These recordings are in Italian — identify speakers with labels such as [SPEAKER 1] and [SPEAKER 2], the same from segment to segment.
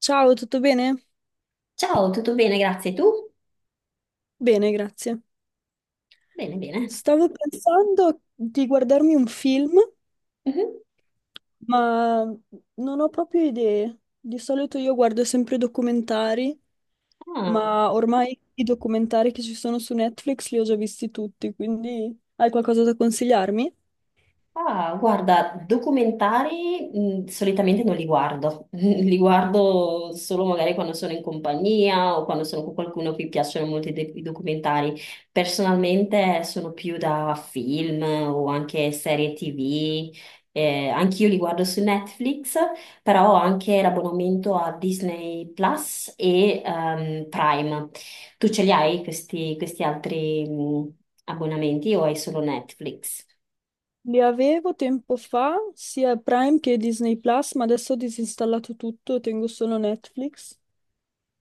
[SPEAKER 1] Ciao, tutto bene?
[SPEAKER 2] Ciao, tutto bene, grazie. Tu?
[SPEAKER 1] Bene, grazie.
[SPEAKER 2] Bene, bene.
[SPEAKER 1] Stavo pensando di guardarmi un film,
[SPEAKER 2] Mhm.
[SPEAKER 1] ma non ho proprio idee. Di solito io guardo sempre documentari,
[SPEAKER 2] Ah,
[SPEAKER 1] ma ormai i documentari che ci sono su Netflix li ho già visti tutti, quindi hai qualcosa da consigliarmi?
[SPEAKER 2] Ah, guarda, documentari solitamente non li guardo, li guardo solo magari quando sono in compagnia o quando sono con qualcuno a cui piacciono molto i documentari. Personalmente sono più da film o anche serie TV, anch'io li guardo su Netflix, però ho anche l'abbonamento a Disney Plus e Prime. Tu ce li hai questi altri abbonamenti o hai solo Netflix?
[SPEAKER 1] Li avevo tempo fa, sia Prime che Disney Plus, ma adesso ho disinstallato tutto, tengo solo Netflix.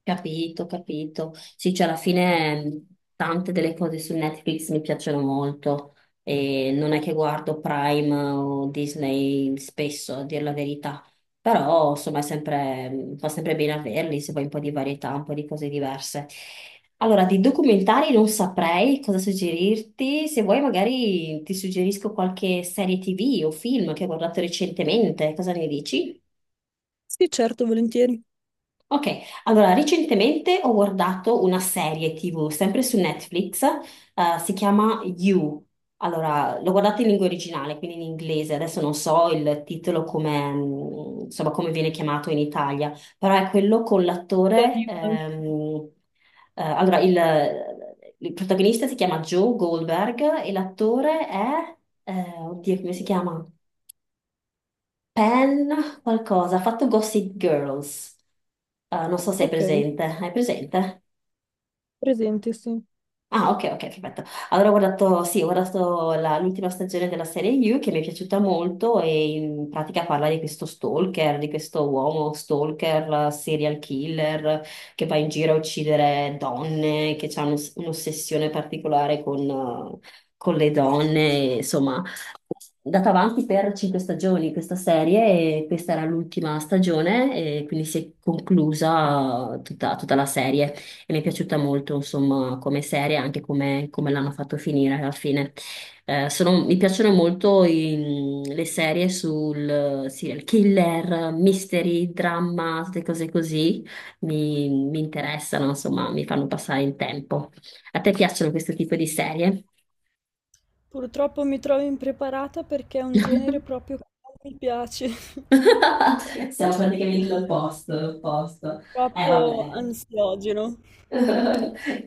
[SPEAKER 2] Capito, capito. Sì, cioè alla fine tante delle cose su Netflix mi piacciono molto e non è che guardo Prime o Disney spesso, a dire la verità, però insomma è sempre, fa sempre bene averli se vuoi un po' di varietà, un po' di cose diverse. Allora, di documentari non saprei cosa suggerirti, se vuoi magari ti suggerisco qualche serie TV o film che ho guardato recentemente, cosa ne dici?
[SPEAKER 1] Sì, certo, volentieri.
[SPEAKER 2] Ok, allora recentemente ho guardato una serie TV sempre su Netflix, si chiama You. Allora, l'ho guardata in lingua originale, quindi in inglese, adesso non so il titolo come, insomma, come viene chiamato in Italia, però è quello con
[SPEAKER 1] Ti
[SPEAKER 2] l'attore,
[SPEAKER 1] addio anche.
[SPEAKER 2] allora il protagonista si chiama Joe Goldberg e l'attore è, oddio, come si chiama? Pen, qualcosa, ha fatto Gossip Girls. Ah, non so se hai
[SPEAKER 1] Ok,
[SPEAKER 2] presente. Hai presente?
[SPEAKER 1] presente, sì.
[SPEAKER 2] Ah, ok, ok, perfetto. Allora ho guardato, sì, ho guardato l'ultima stagione della serie You che mi è piaciuta molto e in pratica parla di questo stalker, di questo uomo stalker, serial killer che va in giro a uccidere donne, che ha un'ossessione particolare con le donne, e, insomma. È andata avanti per cinque stagioni questa serie e questa era l'ultima stagione e quindi si è conclusa tutta la serie e mi è piaciuta molto, insomma, come serie, anche come, come l'hanno fatto finire alla fine. Mi piacciono molto le serie sul serial killer, mystery, dramma, queste cose così, mi interessano, insomma, mi fanno passare il tempo. A te piacciono questo tipo di serie?
[SPEAKER 1] Purtroppo mi trovo impreparata perché è un genere proprio che non mi piace,
[SPEAKER 2] Siamo praticamente l'opposto, l'opposto.
[SPEAKER 1] troppo
[SPEAKER 2] Vabbè.
[SPEAKER 1] ansiogeno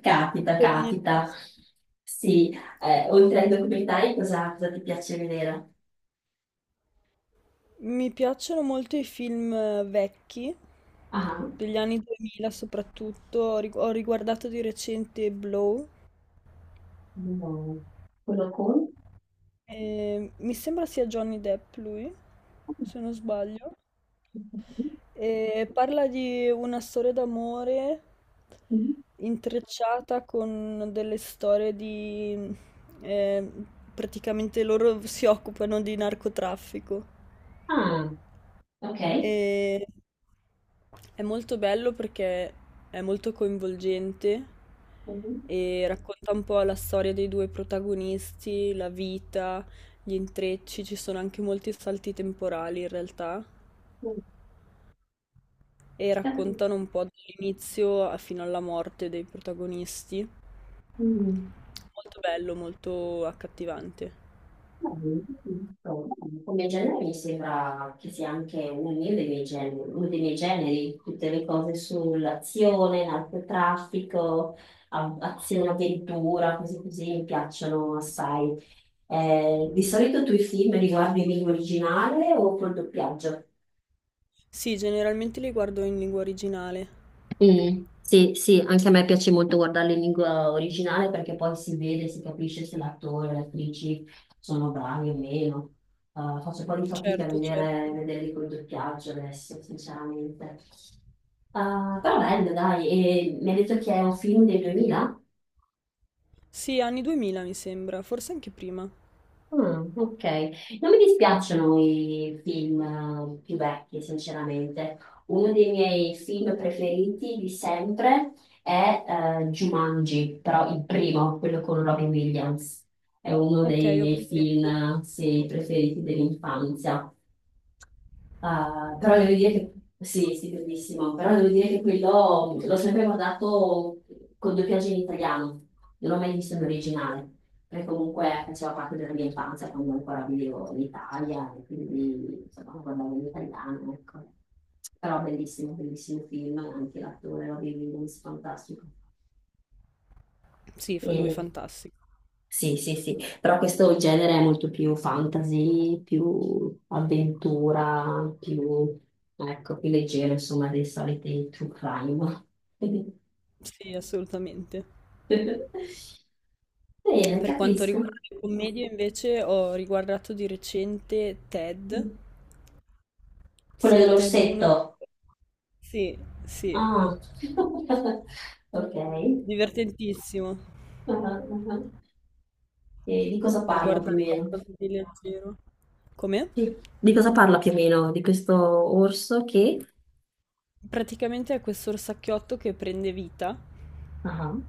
[SPEAKER 2] Capita,
[SPEAKER 1] per i miei
[SPEAKER 2] capita.
[SPEAKER 1] gusti.
[SPEAKER 2] Sì, oltre ai documentari, cosa ti piace vedere?
[SPEAKER 1] Mi piacciono molto i film vecchi,
[SPEAKER 2] Ah,
[SPEAKER 1] degli anni 2000 soprattutto, ho riguardato di recente Blow,
[SPEAKER 2] no. Quello con?
[SPEAKER 1] e mi sembra sia Johnny Depp lui, se non sbaglio. E parla di una storia d'amore
[SPEAKER 2] Mhm.
[SPEAKER 1] intrecciata con delle storie di... eh, praticamente loro si occupano di narcotraffico
[SPEAKER 2] Ah, ok.
[SPEAKER 1] e è molto bello perché è molto coinvolgente
[SPEAKER 2] Mhm.
[SPEAKER 1] e racconta un po' la storia dei due protagonisti, la vita, gli intrecci, ci sono anche molti salti temporali in realtà, e
[SPEAKER 2] Capito.
[SPEAKER 1] raccontano un po' dall'inizio fino alla morte dei protagonisti.
[SPEAKER 2] Mm.
[SPEAKER 1] Molto bello, molto accattivante.
[SPEAKER 2] Beh, giusto. Come genere mi sembra che sia anche uno dei miei generi, uno dei miei generi, tutte le cose sull'azione, narcotraffico, azione, avventura, cose così mi piacciono assai. Di solito tu i film li guardi in lingua originale o col doppiaggio?
[SPEAKER 1] Sì, generalmente li guardo in lingua originale.
[SPEAKER 2] Mm, sì, sì, anche a me piace molto guardarle in lingua originale perché poi si vede, si capisce se l'attore e le attrici sono bravi o meno. Faccio un po' di fatica a
[SPEAKER 1] Certo,
[SPEAKER 2] vedere,
[SPEAKER 1] certo.
[SPEAKER 2] vederli col doppiaggio adesso, sinceramente. Però bello, dai, e mi hai detto che è un film del 2000?
[SPEAKER 1] Sì, anni 2000 mi sembra, forse anche prima.
[SPEAKER 2] Mm, ok, non mi dispiacciono i film più vecchi, sinceramente. Uno dei miei film preferiti di sempre è Jumanji, però il primo, quello con Robin Williams. È uno
[SPEAKER 1] Ok,
[SPEAKER 2] dei
[SPEAKER 1] ho
[SPEAKER 2] miei
[SPEAKER 1] presente.
[SPEAKER 2] film, sì, preferiti dell'infanzia. Ah, però devo dire
[SPEAKER 1] Bello.
[SPEAKER 2] che sì, sì, bellissimo, però devo dire che quello l'ho sempre guardato con doppiaggio in italiano, non l'ho mai visto in originale, perché comunque faceva parte della mia infanzia quando ancora vivevo in Italia, e quindi insomma lo guardavo in italiano, ecco. Però bellissimo, bellissimo film, anche l'attore Robin Williams, fantastico.
[SPEAKER 1] Sì, lui è
[SPEAKER 2] E
[SPEAKER 1] fantastico.
[SPEAKER 2] sì, sì, sì, però questo genere è molto più fantasy, più avventura, più, ecco, più leggero, insomma, dei soliti true crime.
[SPEAKER 1] Sì, assolutamente.
[SPEAKER 2] Bene,
[SPEAKER 1] Per quanto
[SPEAKER 2] capisco.
[SPEAKER 1] riguarda le commedie, invece, ho riguardato di recente Ted,
[SPEAKER 2] Quello
[SPEAKER 1] sia Ted 1 che.
[SPEAKER 2] dell'orsetto.
[SPEAKER 1] Sì, sì,
[SPEAKER 2] Ah, ok.
[SPEAKER 1] divertentissimo,
[SPEAKER 2] Ah, ah, ah. E di cosa
[SPEAKER 1] per
[SPEAKER 2] parla più o
[SPEAKER 1] guardare
[SPEAKER 2] meno?
[SPEAKER 1] qualcosa di leggero. Come?
[SPEAKER 2] Sì. Di cosa parla più o meno? Di questo orso che...
[SPEAKER 1] Praticamente è questo orsacchiotto che prende vita
[SPEAKER 2] Ah.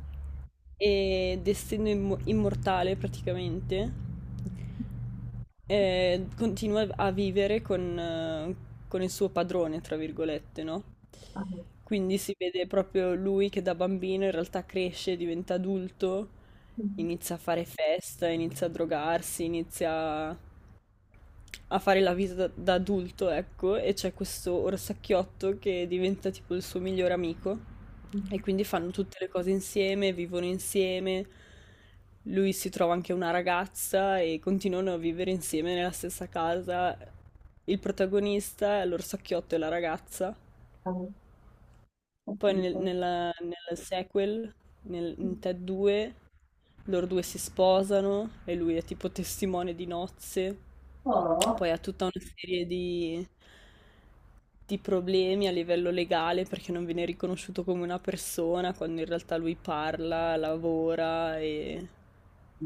[SPEAKER 1] e destino immortale praticamente, continua a vivere con il suo padrone, tra virgolette, no?
[SPEAKER 2] Ah.
[SPEAKER 1] Quindi si vede proprio lui che da bambino in realtà cresce, diventa adulto, inizia a fare festa, inizia a drogarsi, inizia a fare la visita da adulto, ecco, e c'è questo orsacchiotto che diventa tipo il suo migliore amico e quindi fanno tutte le cose insieme, vivono insieme. Lui si trova anche una ragazza e continuano a vivere insieme nella stessa casa. Il protagonista, l'orsacchiotto e la ragazza
[SPEAKER 2] Ah.
[SPEAKER 1] poi
[SPEAKER 2] Capito.
[SPEAKER 1] nel sequel, in Ted 2, loro due si sposano e lui è tipo testimone di nozze.
[SPEAKER 2] Oh,
[SPEAKER 1] Poi ha tutta una serie di problemi a livello legale perché non viene riconosciuto come una persona quando in realtà lui parla, lavora e...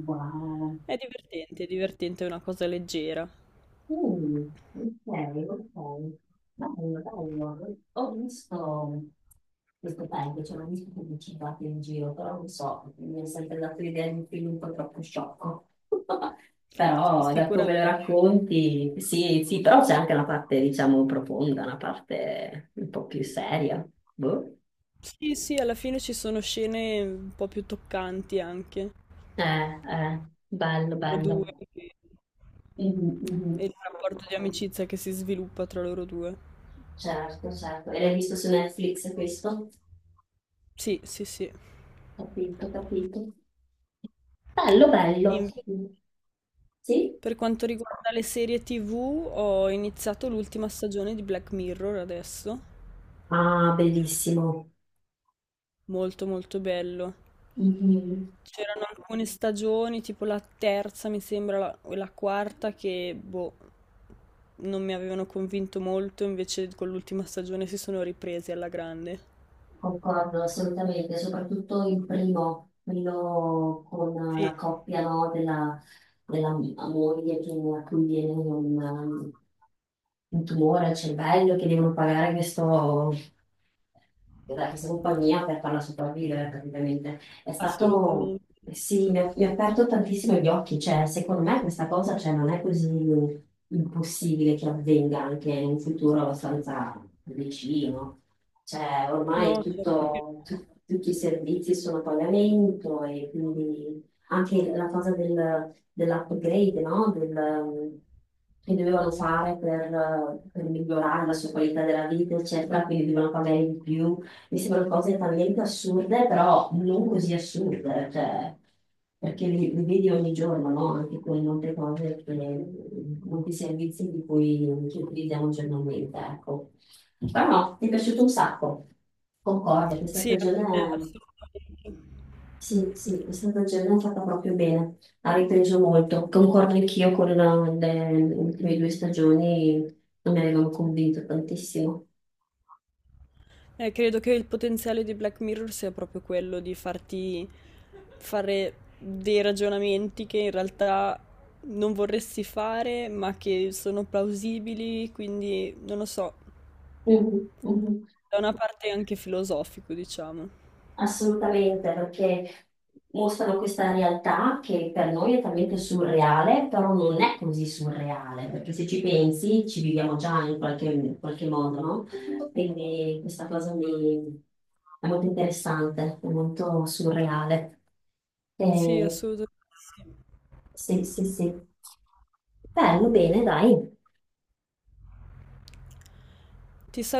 [SPEAKER 2] wow.
[SPEAKER 1] È divertente, è divertente, è una cosa leggera.
[SPEAKER 2] Mm, ok, ok. Bello, bello. Ho visto questo paio, cioè ho visto pubblicitati in giro, però non so, mi è sempre dato l'idea di un film un po' troppo sciocco.
[SPEAKER 1] Sì,
[SPEAKER 2] Però da
[SPEAKER 1] sicuramente.
[SPEAKER 2] come lo racconti, sì, sì, però c'è anche una parte, diciamo, profonda, una parte un po' più seria. Boh.
[SPEAKER 1] Sì, sì, alla fine ci sono scene un po' più toccanti anche.
[SPEAKER 2] Eh, eh, bello,
[SPEAKER 1] Loro
[SPEAKER 2] bello.
[SPEAKER 1] due che-
[SPEAKER 2] Mhm,
[SPEAKER 1] e
[SPEAKER 2] mhm.
[SPEAKER 1] il rapporto di amicizia che si sviluppa tra loro due.
[SPEAKER 2] Certo, certo. E l'hai visto su Netflix questo?
[SPEAKER 1] Sì, sì, sì.
[SPEAKER 2] Capito, capito. Bello, bello.
[SPEAKER 1] Invece,
[SPEAKER 2] Sì?
[SPEAKER 1] per quanto riguarda le serie TV, ho iniziato l'ultima stagione di Black Mirror adesso.
[SPEAKER 2] Ah, bellissimo.
[SPEAKER 1] Molto, molto bello.
[SPEAKER 2] Mhm,
[SPEAKER 1] C'erano alcune stagioni, tipo la terza, mi sembra, o la quarta, che boh, non mi avevano convinto molto, invece con l'ultima stagione si sono ripresi alla grande.
[SPEAKER 2] concordo assolutamente, soprattutto il primo, quello con
[SPEAKER 1] Sì,
[SPEAKER 2] la coppia, no, della, della moglie che a cui viene un tumore al cervello, che devono pagare questo, della questa compagnia per farla sopravvivere praticamente. È stato,
[SPEAKER 1] assolutamente.
[SPEAKER 2] sì, mi ha aperto tantissimo gli occhi, cioè secondo me questa cosa cioè, non è così impossibile che avvenga anche in un futuro abbastanza vicino. Cioè ormai
[SPEAKER 1] No, certo che
[SPEAKER 2] tutto,
[SPEAKER 1] no.
[SPEAKER 2] tutti i servizi sono a pagamento e quindi anche la cosa dell'upgrade, no? Che dovevano fare per migliorare la sua qualità della vita, eccetera, quindi dovevano pagare di più. Mi sembrano cose talmente assurde, però non così assurde, cioè, perché li vedi ogni giorno, no? Anche con molte cose, che, molti servizi di cui che utilizziamo giornalmente, ecco. Però no, mi è piaciuto un sacco, concordo, questa
[SPEAKER 1] Sì, anche me,
[SPEAKER 2] stagione,
[SPEAKER 1] assolutamente.
[SPEAKER 2] sì, sì, questa stagione è fatta proprio bene, ha ripreso molto, concordo anch'io con le ultime due stagioni, non mi avevano convinto tantissimo.
[SPEAKER 1] Credo che il potenziale di Black Mirror sia proprio quello di farti fare dei ragionamenti che in realtà non vorresti fare, ma che sono plausibili, quindi non lo so,
[SPEAKER 2] Mhm, mhm.
[SPEAKER 1] da una parte è anche filosofico, diciamo.
[SPEAKER 2] Assolutamente, perché mostrano questa realtà che per noi è talmente surreale, però non è così surreale, perché se ci pensi ci viviamo già in qualche modo, no? Quindi questa cosa mi... è molto interessante, è molto surreale.
[SPEAKER 1] Sì,
[SPEAKER 2] E
[SPEAKER 1] assolutamente sì.
[SPEAKER 2] se, se, se... Bello, bene, dai.
[SPEAKER 1] Ti saluto.